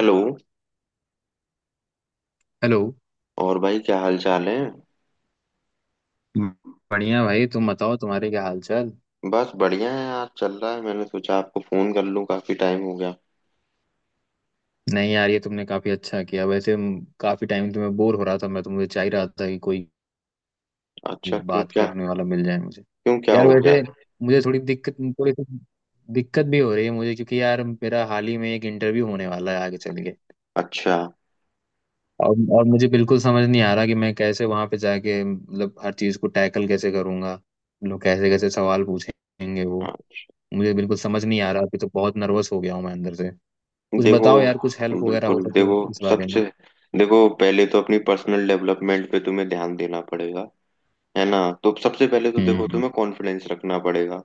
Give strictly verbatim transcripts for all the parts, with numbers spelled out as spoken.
Hello. Hello. और भाई क्या हाल चाल है। बढ़िया भाई, तुम बताओ तुम्हारे क्या हाल चाल। बस बढ़िया है आज चल रहा है, मैंने सोचा आपको फोन कर लूं, काफी टाइम हो गया। नहीं यार, ये तुमने काफी अच्छा किया। वैसे म, काफी टाइम तुम्हें बोर हो रहा था मैं तो, मुझे चाह ही रहा था कि कोई अच्छा क्यों बात क्या। करने वाला मिल जाए मुझे। क्यों क्या यार हो गया। वैसे मुझे थोड़ी दिक्कत, थोड़ी सी दिक्कत भी हो रही है मुझे, क्योंकि यार मेरा हाल ही में एक इंटरव्यू होने वाला है आगे चल के। अच्छा। और और मुझे बिल्कुल समझ नहीं आ रहा कि मैं कैसे वहां पे जाके मतलब हर चीज को टैकल कैसे करूंगा। लोग कैसे कैसे सवाल पूछेंगे वो, हाँ। मुझे बिल्कुल समझ नहीं आ रहा। अभी तो बहुत नर्वस हो गया हूँ मैं अंदर से। कुछ देखो, बताओ यार, कुछ हेल्प वगैरह हो बिल्कुल सके देखो, इस बारे में। सबसे देखो पहले तो अपनी पर्सनल डेवलपमेंट पे तुम्हें ध्यान देना पड़ेगा। है ना, तो सबसे पहले तो देखो हम्म। तुम्हें कॉन्फिडेंस रखना पड़ेगा।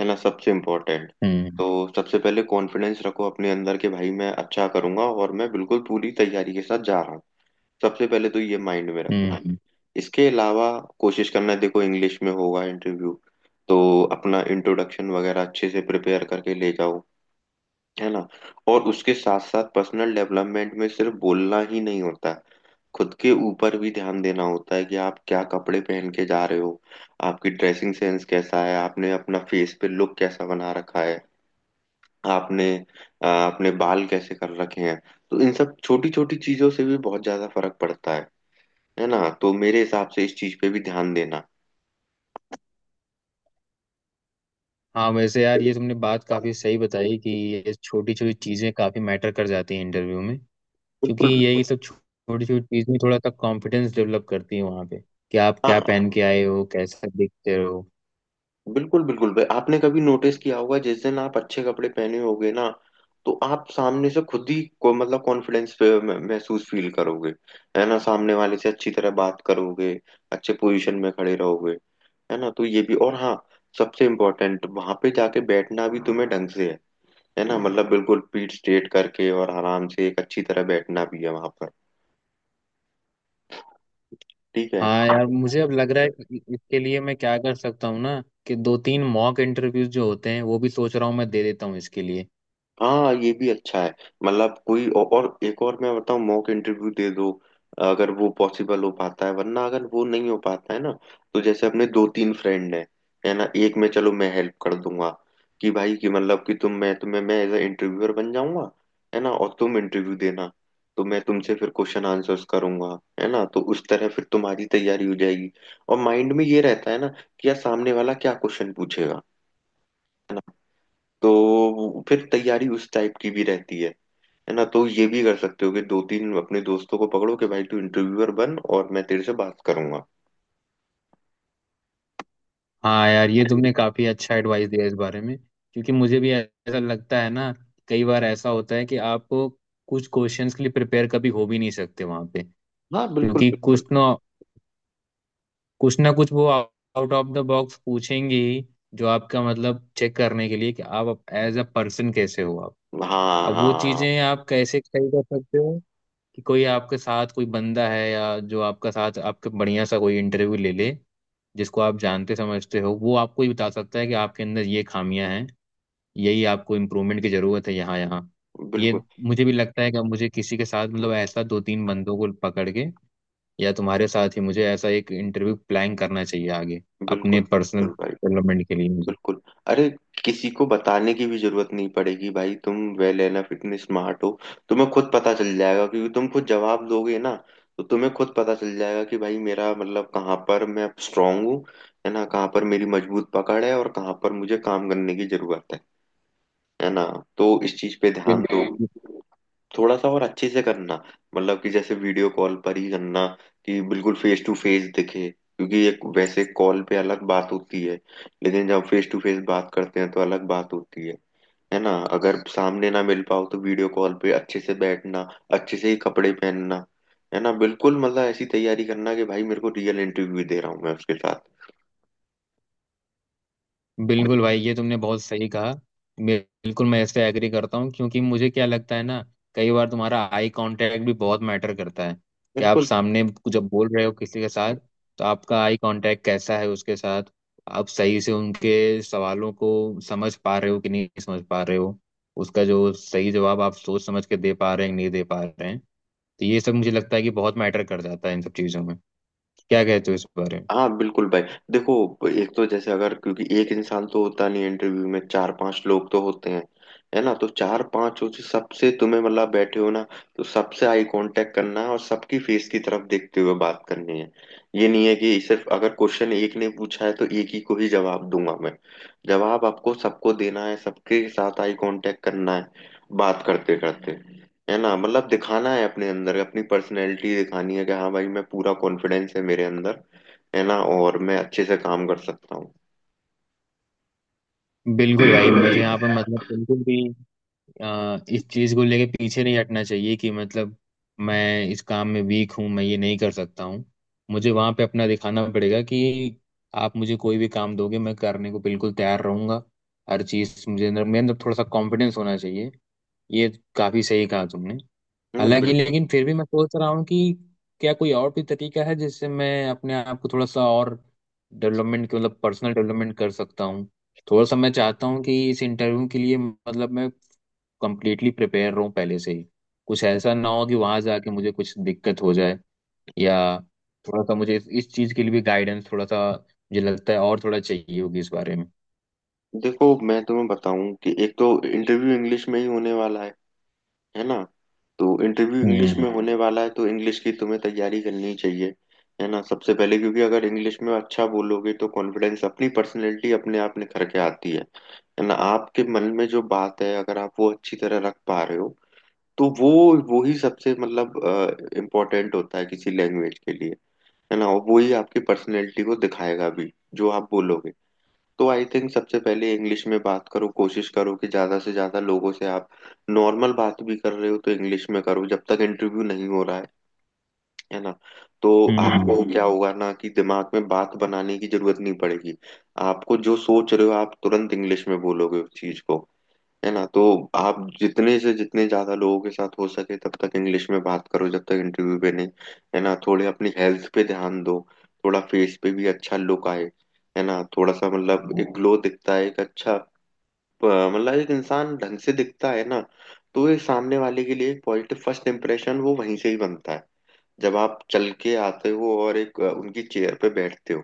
है ना, सबसे इम्पोर्टेंट। हम्म। तो सबसे पहले कॉन्फिडेंस रखो अपने अंदर के, भाई मैं अच्छा करूंगा और मैं बिल्कुल पूरी तैयारी के साथ जा रहा हूँ। सबसे पहले तो ये माइंड में रखना। हम्म। इसके अलावा कोशिश करना है, देखो इंग्लिश में होगा इंटरव्यू, तो अपना इंट्रोडक्शन वगैरह अच्छे से प्रिपेयर करके ले जाओ। है ना, और उसके साथ साथ पर्सनल डेवलपमेंट में सिर्फ बोलना ही नहीं होता है, खुद के ऊपर भी ध्यान देना होता है कि आप क्या कपड़े पहन के जा रहे हो, आपकी ड्रेसिंग सेंस कैसा है, आपने अपना फेस पे लुक कैसा बना रखा है, आपने अ, अपने बाल कैसे कर रखे हैं। तो इन सब छोटी छोटी चीजों से भी बहुत ज्यादा फर्क पड़ता है। है ना, तो मेरे हिसाब से इस चीज पे भी ध्यान देना। हाँ वैसे यार, ये तुमने बात काफी सही बताई कि ये छोटी छोटी चीजें काफी मैटर कर जाती हैं इंटरव्यू में। क्योंकि बिल्कुल यही बिल्कुल। सब छोटी छोटी चीजें थोड़ा सा कॉन्फिडेंस डेवलप करती है वहाँ पे, कि आप हाँ क्या पहन हाँ, के आए हो, कैसा दिखते हो। बिल्कुल बिल्कुल भाई, आपने कभी नोटिस किया होगा जिस दिन आप अच्छे कपड़े पहने होगे ना, तो आप सामने से खुद ही को मतलब कॉन्फिडेंस महसूस फील करोगे। है ना, सामने वाले से अच्छी तरह बात करोगे, अच्छे पोजीशन में खड़े रहोगे। है ना, तो ये भी, और हाँ सबसे इम्पोर्टेंट वहां पे जाके बैठना भी तुम्हें ढंग से है। है ना, मतलब बिल्कुल पीठ स्ट्रेट करके और आराम से एक अच्छी तरह बैठना भी है वहां पर। ठीक है। हाँ यार, मुझे अब लग रहा है कि इ- इसके लिए मैं क्या कर सकता हूँ ना, कि दो तीन मॉक इंटरव्यूज जो होते हैं, वो भी सोच रहा हूँ मैं दे देता हूँ इसके लिए। हाँ ये भी अच्छा है, मतलब कोई औ- और एक और मैं बताऊँ, मॉक इंटरव्यू दे दो। अगर वो पॉसिबल हो पाता है, वरना अगर वो नहीं हो पाता है ना, तो जैसे अपने दो तीन फ्रेंड हैं। है ना, एक में चलो मैं हेल्प कर दूंगा कि भाई कि मतलब कि तुम मैं तुम्हें मैं एज अ इंटरव्यूअर बन जाऊंगा। है ना, और तुम इंटरव्यू देना, तो मैं तुमसे फिर क्वेश्चन आंसर्स करूंगा। है ना, तो उस तरह फिर तुम्हारी तैयारी हो जाएगी। और माइंड में ये रहता है ना कि यार सामने वाला क्या क्वेश्चन पूछेगा, तो फिर तैयारी उस टाइप की भी रहती है। है ना, तो ये भी कर सकते हो कि दो तीन अपने दोस्तों को पकड़ो कि भाई तू इंटरव्यूअर बन और मैं तेरे से बात करूंगा। हाँ यार, ये तुमने काफी अच्छा एडवाइस दिया इस बारे में, क्योंकि मुझे भी ऐसा लगता है ना, कई बार ऐसा होता है कि आपको कुछ क्वेश्चंस के लिए प्रिपेयर कभी हो भी नहीं सकते वहां पे। हाँ बिल्कुल क्योंकि बिल्कुल। कुछ ना कुछ ना कुछ वो आउट ऑफ द बॉक्स पूछेंगे ही, जो आपका मतलब चेक करने के लिए कि आप एज अ पर्सन कैसे हो आप। हाँ अब वो हाँ। चीजें आप कैसे सही कर सकते हो कि कोई आपके साथ कोई बंदा है, या जो आपका साथ आपके बढ़िया सा कोई इंटरव्यू ले ले, जिसको आप जानते समझते हो, वो आपको ही बता सकता है कि आपके अंदर ये खामियां हैं, यही आपको इम्प्रूवमेंट की ज़रूरत है यहाँ यहाँ। बिल्कुल ये, मुझे भी लगता है कि अब मुझे किसी के साथ मतलब ऐसा दो तीन बंदों को पकड़ के, या तुम्हारे साथ ही मुझे ऐसा एक इंटरव्यू प्लान करना चाहिए आगे, बिल्कुल अपने पर्सनल बिल्कुल भाई। डेवलपमेंट के लिए। बिल्कुल। अरे, किसी को बताने की भी जरूरत नहीं पड़ेगी भाई, तुम वेल एनफ इतने स्मार्ट हो, तुम्हें खुद पता चल जाएगा क्योंकि तुम खुद जवाब दोगे ना, तो तुम्हें खुद पता चल जाएगा कि भाई मेरा मतलब कहाँ पर मैं स्ट्रांग हूँ। है ना, कहाँ पर मेरी मजबूत पकड़ है और कहाँ पर मुझे काम करने की जरूरत है। है ना, तो इस चीज पे ध्यान दो। मुझे थोड़ा सा और अच्छे से करना, मतलब कि जैसे वीडियो कॉल पर ही करना कि बिल्कुल फेस टू फेस दिखे, क्योंकि एक वैसे कॉल पे अलग बात होती है, लेकिन जब फेस टू फेस बात करते हैं तो अलग बात होती है। है ना, अगर सामने ना मिल पाओ तो वीडियो कॉल पे अच्छे से बैठना, अच्छे से ही कपड़े पहनना। है ना बिल्कुल, मतलब ऐसी तैयारी करना कि भाई मेरे को रियल इंटरव्यू दे रहा हूँ मैं उसके साथ। बिल्कुल, भाई ये तुमने बहुत सही कहा। बिल्कुल मैं इससे एग्री करता हूँ, क्योंकि मुझे क्या लगता है ना, कई बार तुम्हारा आई कांटेक्ट भी बहुत मैटर करता है, कि आप बिल्कुल। सामने जब बोल रहे हो किसी के साथ, तो आपका आई कांटेक्ट कैसा है उसके साथ, आप सही से उनके सवालों को समझ पा रहे हो कि नहीं समझ पा रहे हो, उसका जो सही जवाब आप सोच समझ के दे पा रहे हैं कि नहीं दे पा रहे हैं। तो ये सब मुझे लगता है कि बहुत मैटर कर जाता है इन सब चीज़ों में। क्या कहते हो इस बारे हाँ बिल्कुल भाई, देखो एक तो जैसे अगर, क्योंकि एक इंसान तो होता नहीं इंटरव्यू में, चार पांच लोग तो होते हैं। है ना, तो चार पांच हो से सबसे तुम्हें मतलब बैठे हो ना, तो सबसे आई कांटेक्ट करना है और सबकी फेस की तरफ देखते हुए बात करनी है। ये नहीं है कि सिर्फ अगर क्वेश्चन एक ने पूछा है तो एक ही को ही जवाब दूंगा मैं, जवाब आपको सबको देना है, सबके साथ आई कांटेक्ट करना है बात करते करते। है ना, मतलब दिखाना है अपने अंदर, अपनी पर्सनैलिटी दिखानी है कि हाँ भाई मैं पूरा कॉन्फिडेंस है मेरे अंदर। है ना, और मैं अच्छे से काम कर सकता हूँ। में। बिल्कुल भाई, मुझे यहाँ पे मतलब बिल्कुल भी अ, इस चीज को लेके पीछे नहीं हटना चाहिए कि मतलब मैं इस काम में वीक हूँ, मैं ये नहीं कर सकता हूँ। मुझे वहां पे अपना दिखाना पड़ेगा कि आप मुझे कोई भी काम दोगे, मैं करने को बिल्कुल तैयार रहूंगा हर चीज। मुझे अंदर, मेरे अंदर थोड़ा सा कॉन्फिडेंस होना चाहिए, ये काफी सही कहा तुमने। है ना हालांकि बिल्कुल। लेकिन फिर भी मैं सोच रहा हूँ कि क्या कोई और भी तरीका है जिससे मैं अपने आप को थोड़ा सा और डेवलपमेंट मतलब पर्सनल डेवलपमेंट कर सकता हूँ। थोड़ा सा मैं चाहता हूँ कि इस इंटरव्यू के लिए मतलब मैं कंप्लीटली प्रिपेयर रहूं पहले से ही, कुछ ऐसा ना हो कि वहां जाके मुझे कुछ दिक्कत हो जाए, या थोड़ा सा मुझे इस, इस चीज के लिए भी गाइडेंस थोड़ा सा मुझे लगता है और थोड़ा चाहिए होगी इस बारे में। देखो मैं तुम्हें बताऊं कि एक तो इंटरव्यू इंग्लिश में ही होने वाला है। है ना, तो इंटरव्यू इंग्लिश हम्म। में होने वाला है, तो इंग्लिश की तुम्हें तैयारी करनी चाहिए। है ना, सबसे पहले, क्योंकि अगर इंग्लिश में अच्छा बोलोगे तो कॉन्फिडेंस अपनी पर्सनैलिटी अपने आप निखर के आती है। है ना, आपके मन में जो बात है अगर आप वो अच्छी तरह रख पा रहे हो तो वो वो ही सबसे मतलब इम्पोर्टेंट होता है किसी लैंग्वेज के लिए। है ना, वो ही आपकी पर्सनैलिटी को दिखाएगा भी जो आप बोलोगे। तो आई थिंक सबसे पहले इंग्लिश में बात करो, कोशिश करो कि ज्यादा से ज्यादा लोगों से आप नॉर्मल बात भी कर रहे हो तो इंग्लिश में करो जब तक इंटरव्यू नहीं हो रहा है। है ना, तो हम्म। आपको हम्म क्या हम्म होगा ना कि दिमाग में बात बनाने की जरूरत नहीं पड़ेगी, आपको जो सोच रहे हो आप तुरंत इंग्लिश में बोलोगे उस चीज को। है ना, तो आप जितने से जितने ज्यादा लोगों के साथ हो सके तब तक इंग्लिश में बात करो जब तक इंटरव्यू पे नहीं। है ना, थोड़े अपनी हेल्थ पे ध्यान दो, थोड़ा फेस पे भी अच्छा लुक आए। है ना, थोड़ा सा मतलब एक ग्लो दिखता है एक अच्छा प- मतलब एक इंसान ढंग से दिखता है ना, तो ये सामने वाले के लिए एक पॉजिटिव फर्स्ट इम्प्रेशन वो वहीं से ही बनता है जब आप चल के आते हो और एक अ, उनकी चेयर पे बैठते हो,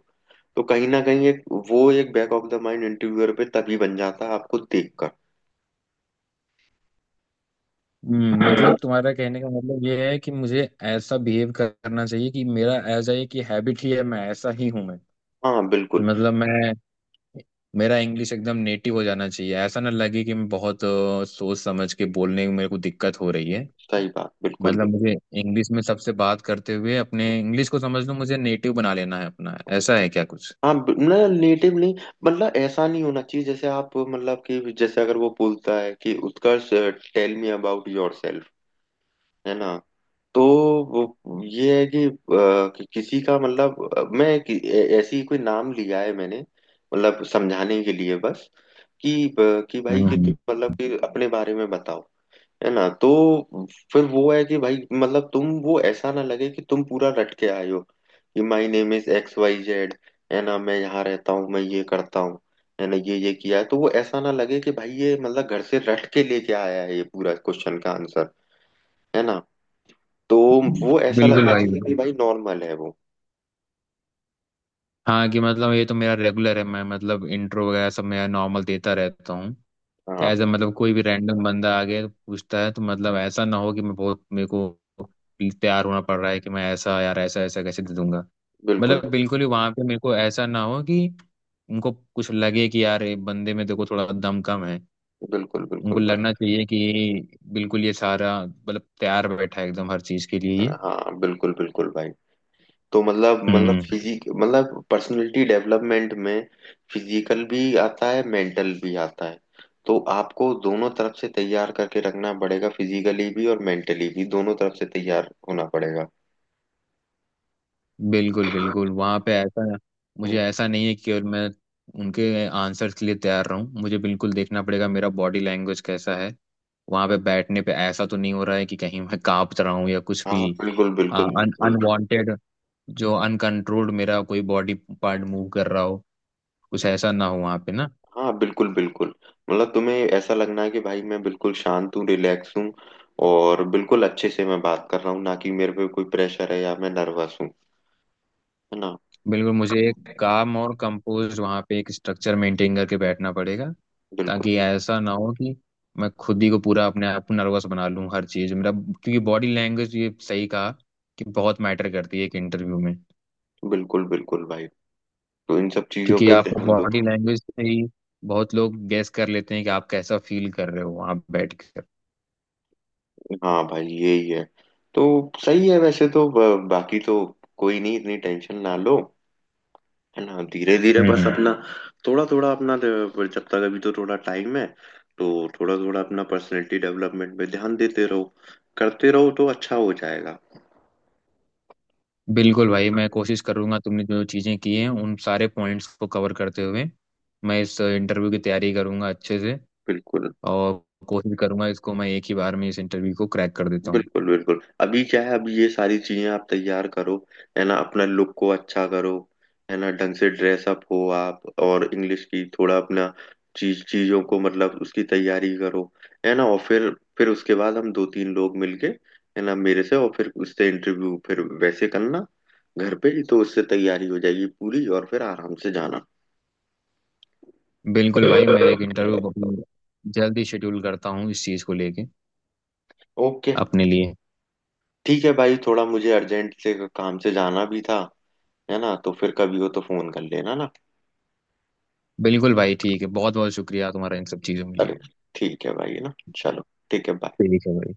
तो कहीं ना कहीं एक वो एक back of the mind interviewer पे तभी बन जाता है आपको देखकर। हम्म, मतलब तुम्हारा कहने का मतलब ये है कि मुझे ऐसा बिहेव करना चाहिए कि मेरा ऐसा ये कि हैबिट ही है, मैं ऐसा ही हूं मैं, कि हाँ बिल्कुल। मतलब मैं, मेरा इंग्लिश एकदम नेटिव हो जाना चाहिए, ऐसा ना लगे कि मैं बहुत अ, सोच समझ के बोलने में मेरे को दिक्कत हो रही है। सही बात बिल्कुल मतलब भी। मुझे इंग्लिश में सबसे बात करते हुए अपने इंग्लिश को समझ लो मुझे नेटिव बना लेना है अपना, ऐसा है क्या कुछ। हाँ ब- मतलब नेटिव नहीं, मतलब ऐसा नहीं होना चाहिए जैसे आप मतलब कि जैसे अगर वो बोलता है कि Utkarsh tell me about yourself. है ना, तो वो ये है कि, अ, कि किसी का मतलब अ, मैं कि, ऐ- ऐसी कोई नाम लिया है मैंने, मतलब समझाने के लिए बस, कि अ, कि भाई हम्म। कि तुम हम्म। मतलब कि अपने बारे में बताओ। है ना, तो फिर वो है कि भाई मतलब तुम वो ऐसा ना लगे कि तुम पूरा रट के आए हो कि my name is X Y Z. है ना, मैं यहाँ रहता हूँ, मैं ये करता हूँ। है ना, ये ये किया है, तो वो ऐसा ना लगे कि भाई ये मतलब घर से रट के लेके आया है ये पूरा क्वेश्चन का आंसर। है ना, तो वो ऐसा बिल्कुल लगना हाँ भाई, चाहिए कि बिल्कुल भाई नॉर्मल है वो। हाँ, कि मतलब ये तो मेरा रेगुलर है, मैं मतलब इंट्रो वगैरह सब मेरा नॉर्मल देता रहता हूँ क्या, हाँ ऐसा मतलब कोई भी रैंडम बंदा आ गया तो पूछता है, तो मतलब ऐसा ना हो कि मैं बहुत मेरे को तैयार होना पड़ रहा है कि मैं ऐसा, यार ऐसा ऐसा कैसे दे दूंगा। बिल्कुल मतलब बिल्कुल ही वहां पे मेरे को ऐसा ना हो कि उनको कुछ लगे कि यार ये बंदे में देखो थोड़ा दम कम है। बिल्कुल उनको बिल्कुल लगना चाहिए कि बिल्कुल ये सारा मतलब तैयार बैठा है एकदम हर चीज के लिए भाई। ये। हाँ बिल्कुल बिल्कुल भाई, तो मतलब मतलब हम्म। फिजिक मतलब पर्सनालिटी डेवलपमेंट में फिजिकल भी आता है, मेंटल भी आता है। तो आपको दोनों तरफ से तैयार करके रखना पड़ेगा, फिजिकली भी और मेंटली भी, दोनों तरफ से तैयार होना पड़ेगा। बिल्कुल बिल्कुल वहाँ पे ऐसा, हम्म। मुझे ऐसा नहीं है कि केवल मैं उनके आंसर्स के लिए तैयार रहूं, मुझे बिल्कुल देखना पड़ेगा मेरा बॉडी लैंग्वेज कैसा है, वहाँ पे बैठने पे ऐसा तो नहीं हो रहा है कि कहीं मैं कांप रहा हूँ, या कुछ हाँ भी बिल्कुल बिल्कुल अन बिल्कुल। अनवांटेड जो अनकंट्रोल्ड मेरा कोई बॉडी पार्ट मूव कर रहा हो, कुछ ऐसा ना हो वहाँ पे ना। हाँ बिल्कुल बिल्कुल, मतलब तुम्हें ऐसा लगना है कि भाई मैं बिल्कुल शांत हूँ, रिलैक्स हूँ, और बिल्कुल अच्छे से मैं बात कर रहा हूँ, ना कि मेरे पे कोई प्रेशर है या मैं नर्वस हूँ। है ना। बिल्कुल, मुझे एक काम और कंपोज वहाँ पे एक स्ट्रक्चर मेंटेन करके बैठना पड़ेगा, बिल्कुल ताकि ऐसा ना हो कि मैं खुद ही को पूरा अपने आप को नर्वस बना लूँ हर चीज़ मेरा। क्योंकि बॉडी लैंग्वेज, ये सही कहा कि बहुत मैटर करती है एक इंटरव्यू में। बिल्कुल बिल्कुल भाई, तो इन सब चीजों क्योंकि पे आप ध्यान दो। बॉडी लैंग्वेज से ही बहुत लोग गेस कर लेते हैं कि आप कैसा फील कर रहे हो वहाँ बैठ कर। हाँ भाई यही है, तो सही है वैसे तो ब- बाकी तो कोई नहीं, इतनी टेंशन ना लो। है ना, धीरे धीरे हम्म। बस हम्म। अपना थोड़ा थोड़ा अपना द- जब तक अभी तो थोड़ा टाइम है, तो थोड़ा थोड़ा अपना पर्सनैलिटी डेवलपमेंट पे ध्यान देते रहो, करते रहो तो अच्छा हो जाएगा। बिल्कुल भाई, मैं कोशिश करूंगा तुमने जो चीज़ें की हैं उन सारे पॉइंट्स को कवर करते हुए मैं इस इंटरव्यू की तैयारी करूंगा अच्छे से। बिल्कुल और कोशिश करूंगा इसको मैं एक ही बार में इस इंटरव्यू को क्रैक कर देता हूँ। बिल्कुल, बिल्कुल अभी क्या है, अभी ये सारी चीजें आप तैयार करो। है ना, अपना लुक को अच्छा करो। है ना, ढंग से ड्रेस अप हो आप, और इंग्लिश की थोड़ा अपना चीज चीजों को मतलब उसकी तैयारी करो। है ना, और फिर फिर उसके बाद हम दो तीन लोग मिलके, है ना, मेरे से और फिर उससे इंटरव्यू फिर वैसे करना, घर पे ही तो उससे तैयारी हो जाएगी पूरी, और फिर आराम से जाना। बिल्कुल भाई, मैं एक इंटरव्यू जल्दी शेड्यूल करता हूँ इस चीज़ को लेके ओके। अपने लिए। ठीक है भाई, थोड़ा मुझे अर्जेंट से काम से जाना भी था। है ना, तो फिर कभी हो तो फोन कर लेना ना। बिल्कुल भाई, ठीक है, बहुत बहुत शुक्रिया तुम्हारा इन सब चीज़ों के लिए। अरे ठीक है भाई, है ना, चलो, ठीक है bye. ठीक है भाई।